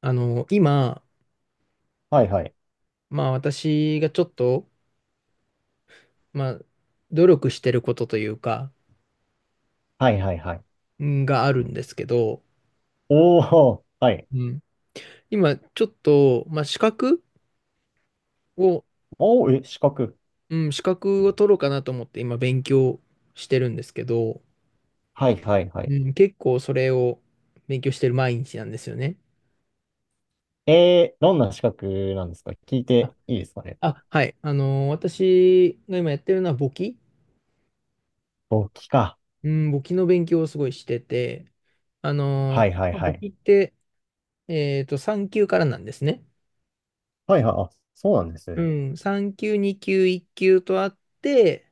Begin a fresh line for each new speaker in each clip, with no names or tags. あの、今、
はいはい。
まあ私がちょっと、まあ、努力してることというか、
はいはいはい。
があるんですけど、
おー、はい。
うん、今ちょっと、まあ資格を、
おー、え、資格。
うん、資格を取ろうかなと思って今勉強してるんですけど、
はいはいはい。
うん、結構それを勉強してる毎日なんですよね。
えー、どんな資格なんですか聞い
あ、
ていいですかね？
あはい。あの、私が今やってるのは簿記。
簿記か。
うん、簿記の勉強をすごいしてて、
はいはい
まあ
は
簿
い。
記って、3級からなんですね。
はいはい、あ、そうなんです
う
ね。
ん、3級、2級、1級とあって、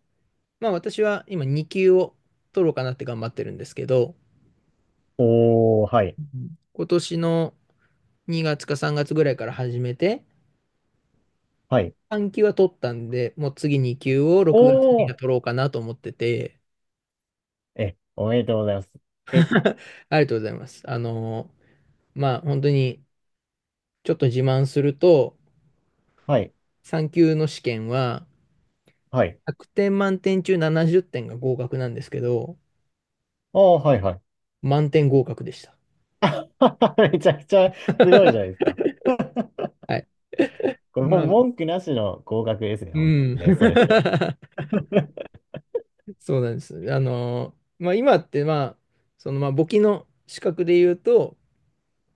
まあ私は今2級を取ろうかなって頑張ってるんですけど、
おー、はい。
うん、今年の2月か3月ぐらいから始めて、
はい。
3級は取ったんで、もう次2級を6月に
お
は
ー、
取ろうかなと思ってて、
え、おめでとうございます。え、
ありがとうございます。まあ本当にちょっと自慢すると、
はい、
3級の試験は
はい。
100点満点中70点が合格なんですけど、
おー、はいはい。
満点合格でした。
めちゃくちゃすごいじゃない ですか。
はい。
これもう
まあ、
文句なしの合格ですね、
う
ほん
ん。
とね、それって。
そうなんです。まあ、今って、簿記の資格で言うと、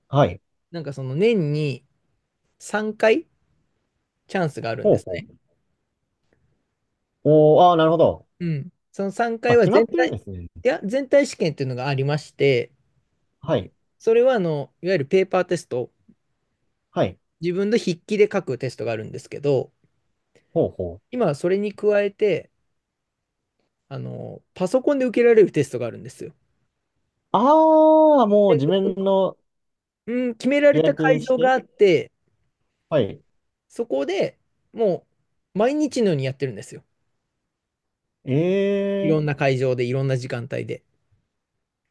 はい。
なんかその年に3回チャンスがあるん
ほ
で
う
す
ほ
ね。
う。おー、あー、なるほど。
うん。その3回
あ、
は
決まってるんですね。
いや、全体試験っていうのがありまして、
はい。
それは、いわゆるペーパーテスト、
はい。
自分の筆記で書くテストがあるんですけど、
ほうほう。
今はそれに加えて、パソコンで受けられるテストがあるんですよ。
ああ、もう自
で
分の
うん、決められ
予
た会
約し
場が
て。
あって、
はい。
そこでもう毎日のようにやってるんですよ。
え
い
え
ろ
ー、
んな会場で、いろんな時間帯で。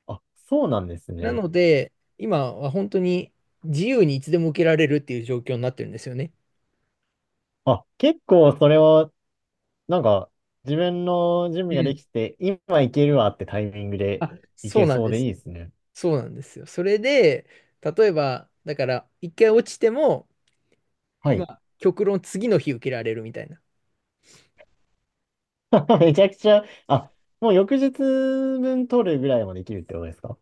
あ、そうなんです
な
ね。
ので、今は本当に自由にいつでも受けられるっていう状況になってるんですよね。
あ、結構それは、なんか、自分の準
う
備がで
ん。
きて、今行けるわってタイミングで
あ、
行
そ
け
うなん
そう
で
でい
す。
いですね。
そうなんですよ。それで、例えば、だから、一回落ちても、
は
ま
い。
あ、極論次の日受けられるみたいな。
めちゃくちゃ、あ、もう翌日分取るぐらいまでできるってことですか？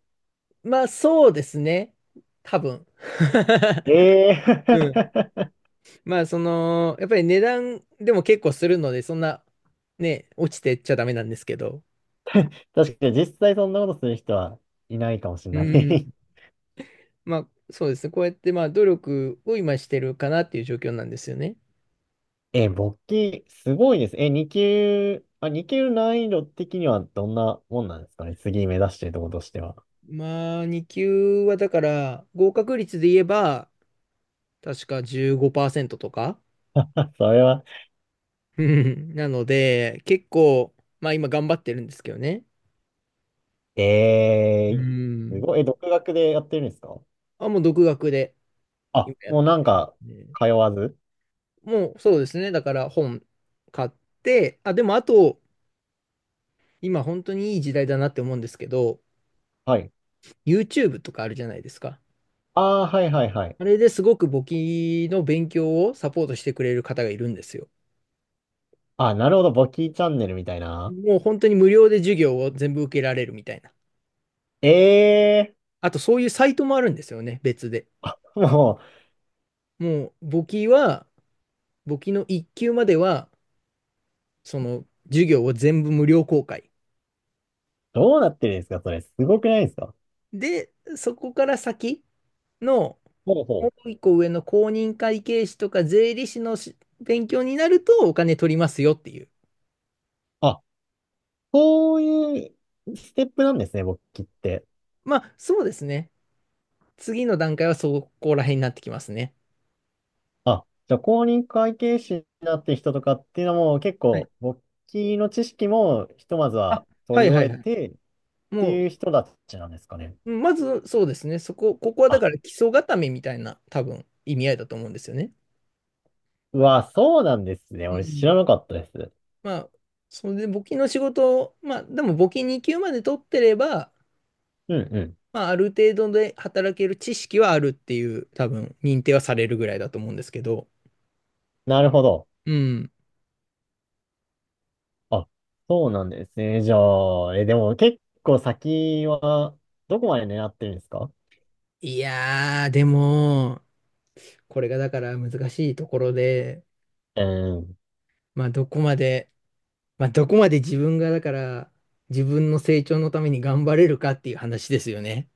そうですね。多分。
ええ
うん。
ー。
まあ、その、やっぱり値段でも結構するので、そんな、ね、落ちてっちゃダメなんですけど。
確かに実際そんなことする人はいないかもしれ
う
な
ん。
い。
まあ、そうですね。こうやって、まあ、努力を今してるかなっていう状況なんですよね。
え、簿記、すごいです。え、2級、あ、2級難易度的にはどんなもんなんですかね。次目指してるところとしては。
まあ、2級はだから、合格率で言えば、確か15%とか。
それは、
うん、なので、結構、まあ今頑張ってるんですけどね。う
えー、す
ん。
ごい。え、独学でやってるんですか？
あ、もう独学で
あ、
今やっ
も
て
うなんか、
て。
通わず。
もうそうですね。だから本買って、でもあと、今本当にいい時代だなって思うんですけど、
はい。
YouTube とかあるじゃないですか。
ああ、はいはいはい。
あれですごく簿記の勉強をサポートしてくれる方がいるんですよ。
あ、なるほど。簿記チャンネルみたいな。
もう本当に無料で授業を全部受けられるみたいな。
ええ
あとそういうサイトもあるんですよね、別で。
ー。もう、
もう簿記は、簿記の一級までは、その授業を全部無料公開。
どうなってるんですかそれ。すごくないですか？
で、そこから先の、
ほうほ
も
う。
う一個上の公認会計士とか税理士のし勉強になるとお金取りますよっていう。
あ、そういうステップなんですね、簿記って。
まあそうですね。次の段階はそこら辺になってきますね。
あ、じゃあ公認会計士になってる人とかっていうのも結
はい、
構簿記の知識もひとまず
あ、
は
は
取り
いは
終
い
え
はい。
てって
も
いう人たちなんですかね。
まずそうですね、ここはだ
あ、
から基礎固めみたいな多分意味合いだと思うんですよね。
うわ、そうなんですね。
う
俺知
ん。
らなかったです。
まあ、それで募金の仕事を、でも募金2級まで取ってれば、
うんうん。
まあ、ある程度で働ける知識はあるっていう、多分認定はされるぐらいだと思うんですけど、
なるほど。
うん。
あ、そうなんですね。じゃあ、え、でも結構先はどこまで狙ってるんですか？
いやー、でも、これがだから難しいところで、
うん。
まあ、どこまで、まあ、どこまで自分がだから、自分の成長のために頑張れるかっていう話ですよね。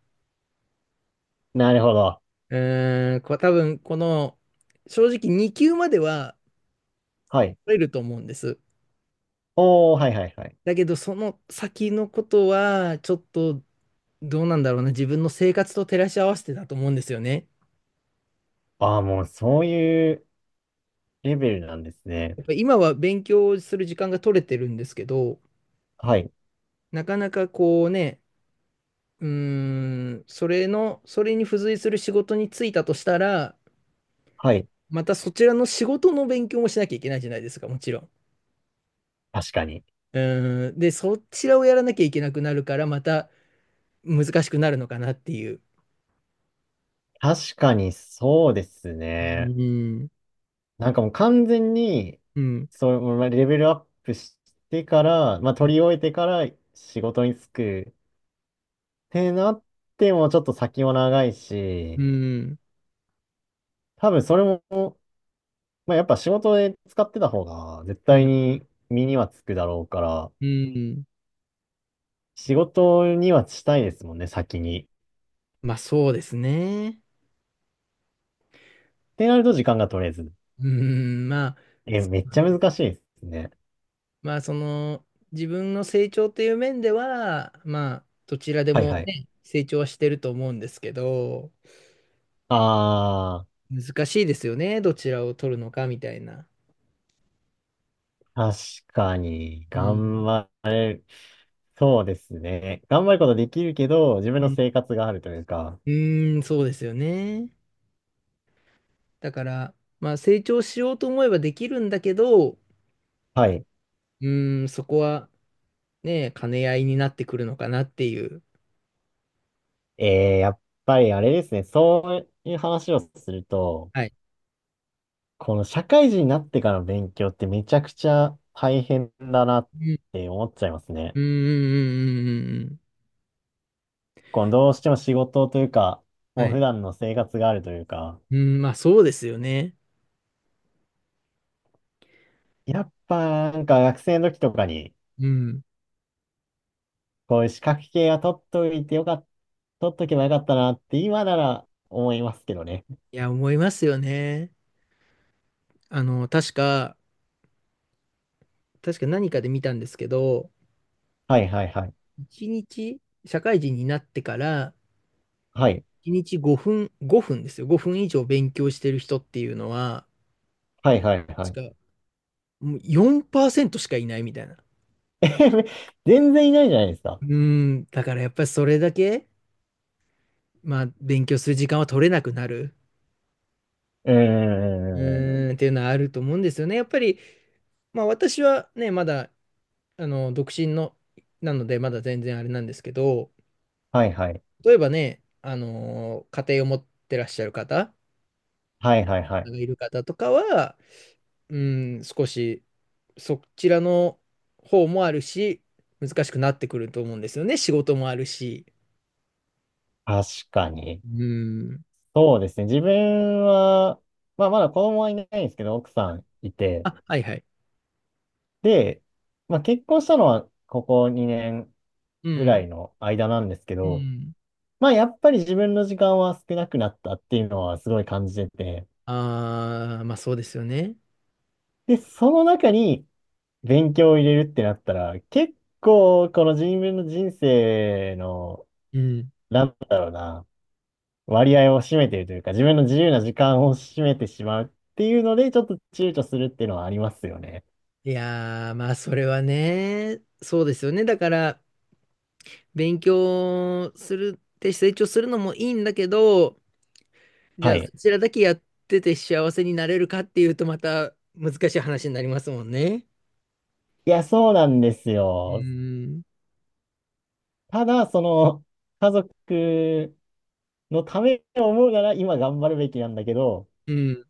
なるほど。
うーん、こう多分この正直2級までは
はい。
取れると思うんです。
おー、はいはいはい。
だけどその先のことはちょっとどうなんだろうな、自分の生活と照らし合わせてだと思うんですよね。
ああ、もうそういうレベルなんですね。
やっぱ今は勉強する時間が取れてるんですけど、
はい。
なかなかこうねうーそれのそれに付随する仕事に就いたとしたら、
はい。
またそちらの仕事の勉強もしなきゃいけないじゃないですか、もちろん。
確かに。
うーん、でそちらをやらなきゃいけなくなるから、また難しくなるのかなっていう。
確かにそうです
う
ね。
ん、
なんかもう完全に、
うん、
そう、まあレベルアップしてから、まあ
うん、
取り終えてから仕事に就くってなってもちょっと先も長いし、多分それも、まあやっぱ仕事で使ってた方が絶
う
対
ん、
に身にはつくだろうから、
うん。
仕事にはしたいですもんね、先に。っ
まあそうですね。
てなると時間が取れず。
うん、
え、
そ
めっちゃ難しいですね。
まあ、その自分の成長という面では、まあどちらで
はい
も
はい。
ね、成長はしてると思うんですけど、
あー。
難しいですよね、どちらを取るのかみたいな。
確かに、
う
頑
ん、
張れる、そうですね。頑張ることできるけど、自分
う
の
ん、
生活があるというか、
そうですよね。だから、まあ成長しようと思えばできるんだけど、う
はい。
ーん、そこはねえ、兼ね合いになってくるのかなっていう。
えー、やっぱりあれですね、そういう話をすると、
はい。
この社会人になってからの勉強ってめちゃくちゃ大変だなっ
うん、
て思っちゃいますね。
うん、うん、うん、うん、うん、うん。
このどうしても仕事というか、も
は
う普
い。
段の生活があるというか、
うん、まあそうですよね。
やっぱなんか学生の時とかに、
うん。
こういう資格系は取っといてよかった、取っとけばよかったなって今なら思いますけどね。
いや、思いますよね。あの、確か、確か何かで見たんですけど、
はいはいはい。
一日、社会人になってから、
はい。
一日5分、5分ですよ。5分以上勉強してる人っていうのは、
はいはいはい。
確か、もう4%しかいないみたいな。
全然いないじゃないですか。
うん、だからやっぱりそれだけ、まあ、勉強する時間は取れなくなる。
うー
う
ん。
ーん、っていうのはあると思うんですよね。やっぱり、まあ私はね、まだ、独身の、なので、まだ全然あれなんですけど、
はいはい。
例えばね、家庭を持ってらっしゃる方
はいはいはい。
がいる方とかは、うん、少し、そちらの方もあるし、難しくなってくると思うんですよね。仕事もあるし。
確かに。
うん。
そうですね。自分は、まあまだ子供はいないんですけど、奥さんいて。
あ、はいはい。
で、まあ結婚したのはここ2年
う
ぐら
ん。
いの間なんですけ
う
ど、
ん。
まあやっぱり自分の時間は少なくなったっていうのはすごい感じてて、
ああ、まあそうですよね。
で、その中に勉強を入れるってなったら、結構この自分の人生の、
うん。
なんだろうな、割合を占めているというか、自分の自由な時間を占めてしまうっていうので、ちょっと躊躇するっていうのはありますよね。
いやー、まあ、それはね、そうですよね。だから、勉強するって成長するのもいいんだけど、じ
は
ゃあ、
い。
そちらだけやってて幸せになれるかっていうと、また難しい話になりますもんね。
いや、そうなんです
う
よ。
ーん。
ただ、その、家族のためを思うなら今頑張るべきなんだけど、
うん。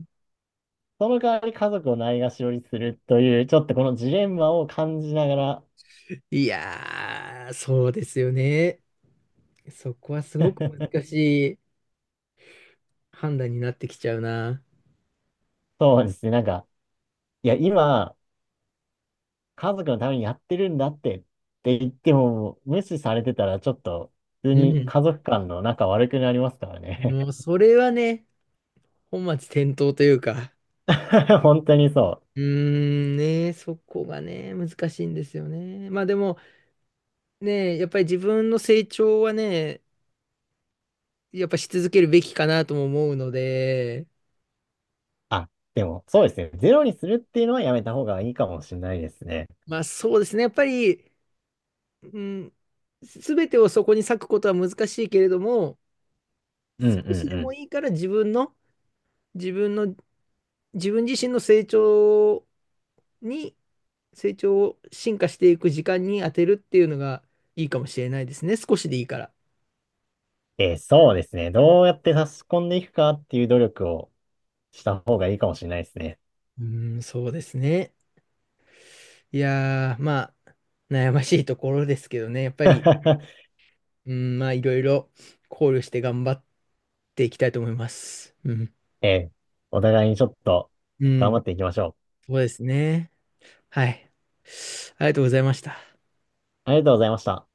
その代わり家族をないがしろにするという、ちょっとこのジレンマを感じながら、
いやー、そうですよね。そこはすごく 難しい判断になってきちゃうな。
そうですね。なんか、いや、今、家族のためにやってるんだってって言っても、無視されてたらちょっと、普通
う
に
ん。
家族間の仲悪くなりますからね。
もう、それはね、本末転倒というか。
本当にそう。
うーん、ね、そこがね、難しいんですよね。まあでもね、やっぱり自分の成長はね、やっぱし続けるべきかなとも思うので、
あ、でも、そうですね。ゼロにするっていうのはやめた方がいいかもしれないですね。
まあそうですね、やっぱり、うん、すべてをそこに割くことは難しいけれども、
うんうん
少しで
う
も
ん。
いいから自分の、自分自身の成長に、成長を進化していく時間に当てるっていうのがいいかもしれないですね、少しでいいから。
えーそうですね。どうやって差し込んでいくかっていう努力をした方がいいかもしれないですね。
うーん、そうですね。いやー、まあ、悩ましいところですけどね、やっぱり、うん、まあ、いろいろ考慮して頑張っていきたいと思います。うん。
えー、お互いにちょっと
う
頑張っ
ん。
ていきましょ
そうですね。はい。ありがとうございました。
う。ありがとうございました。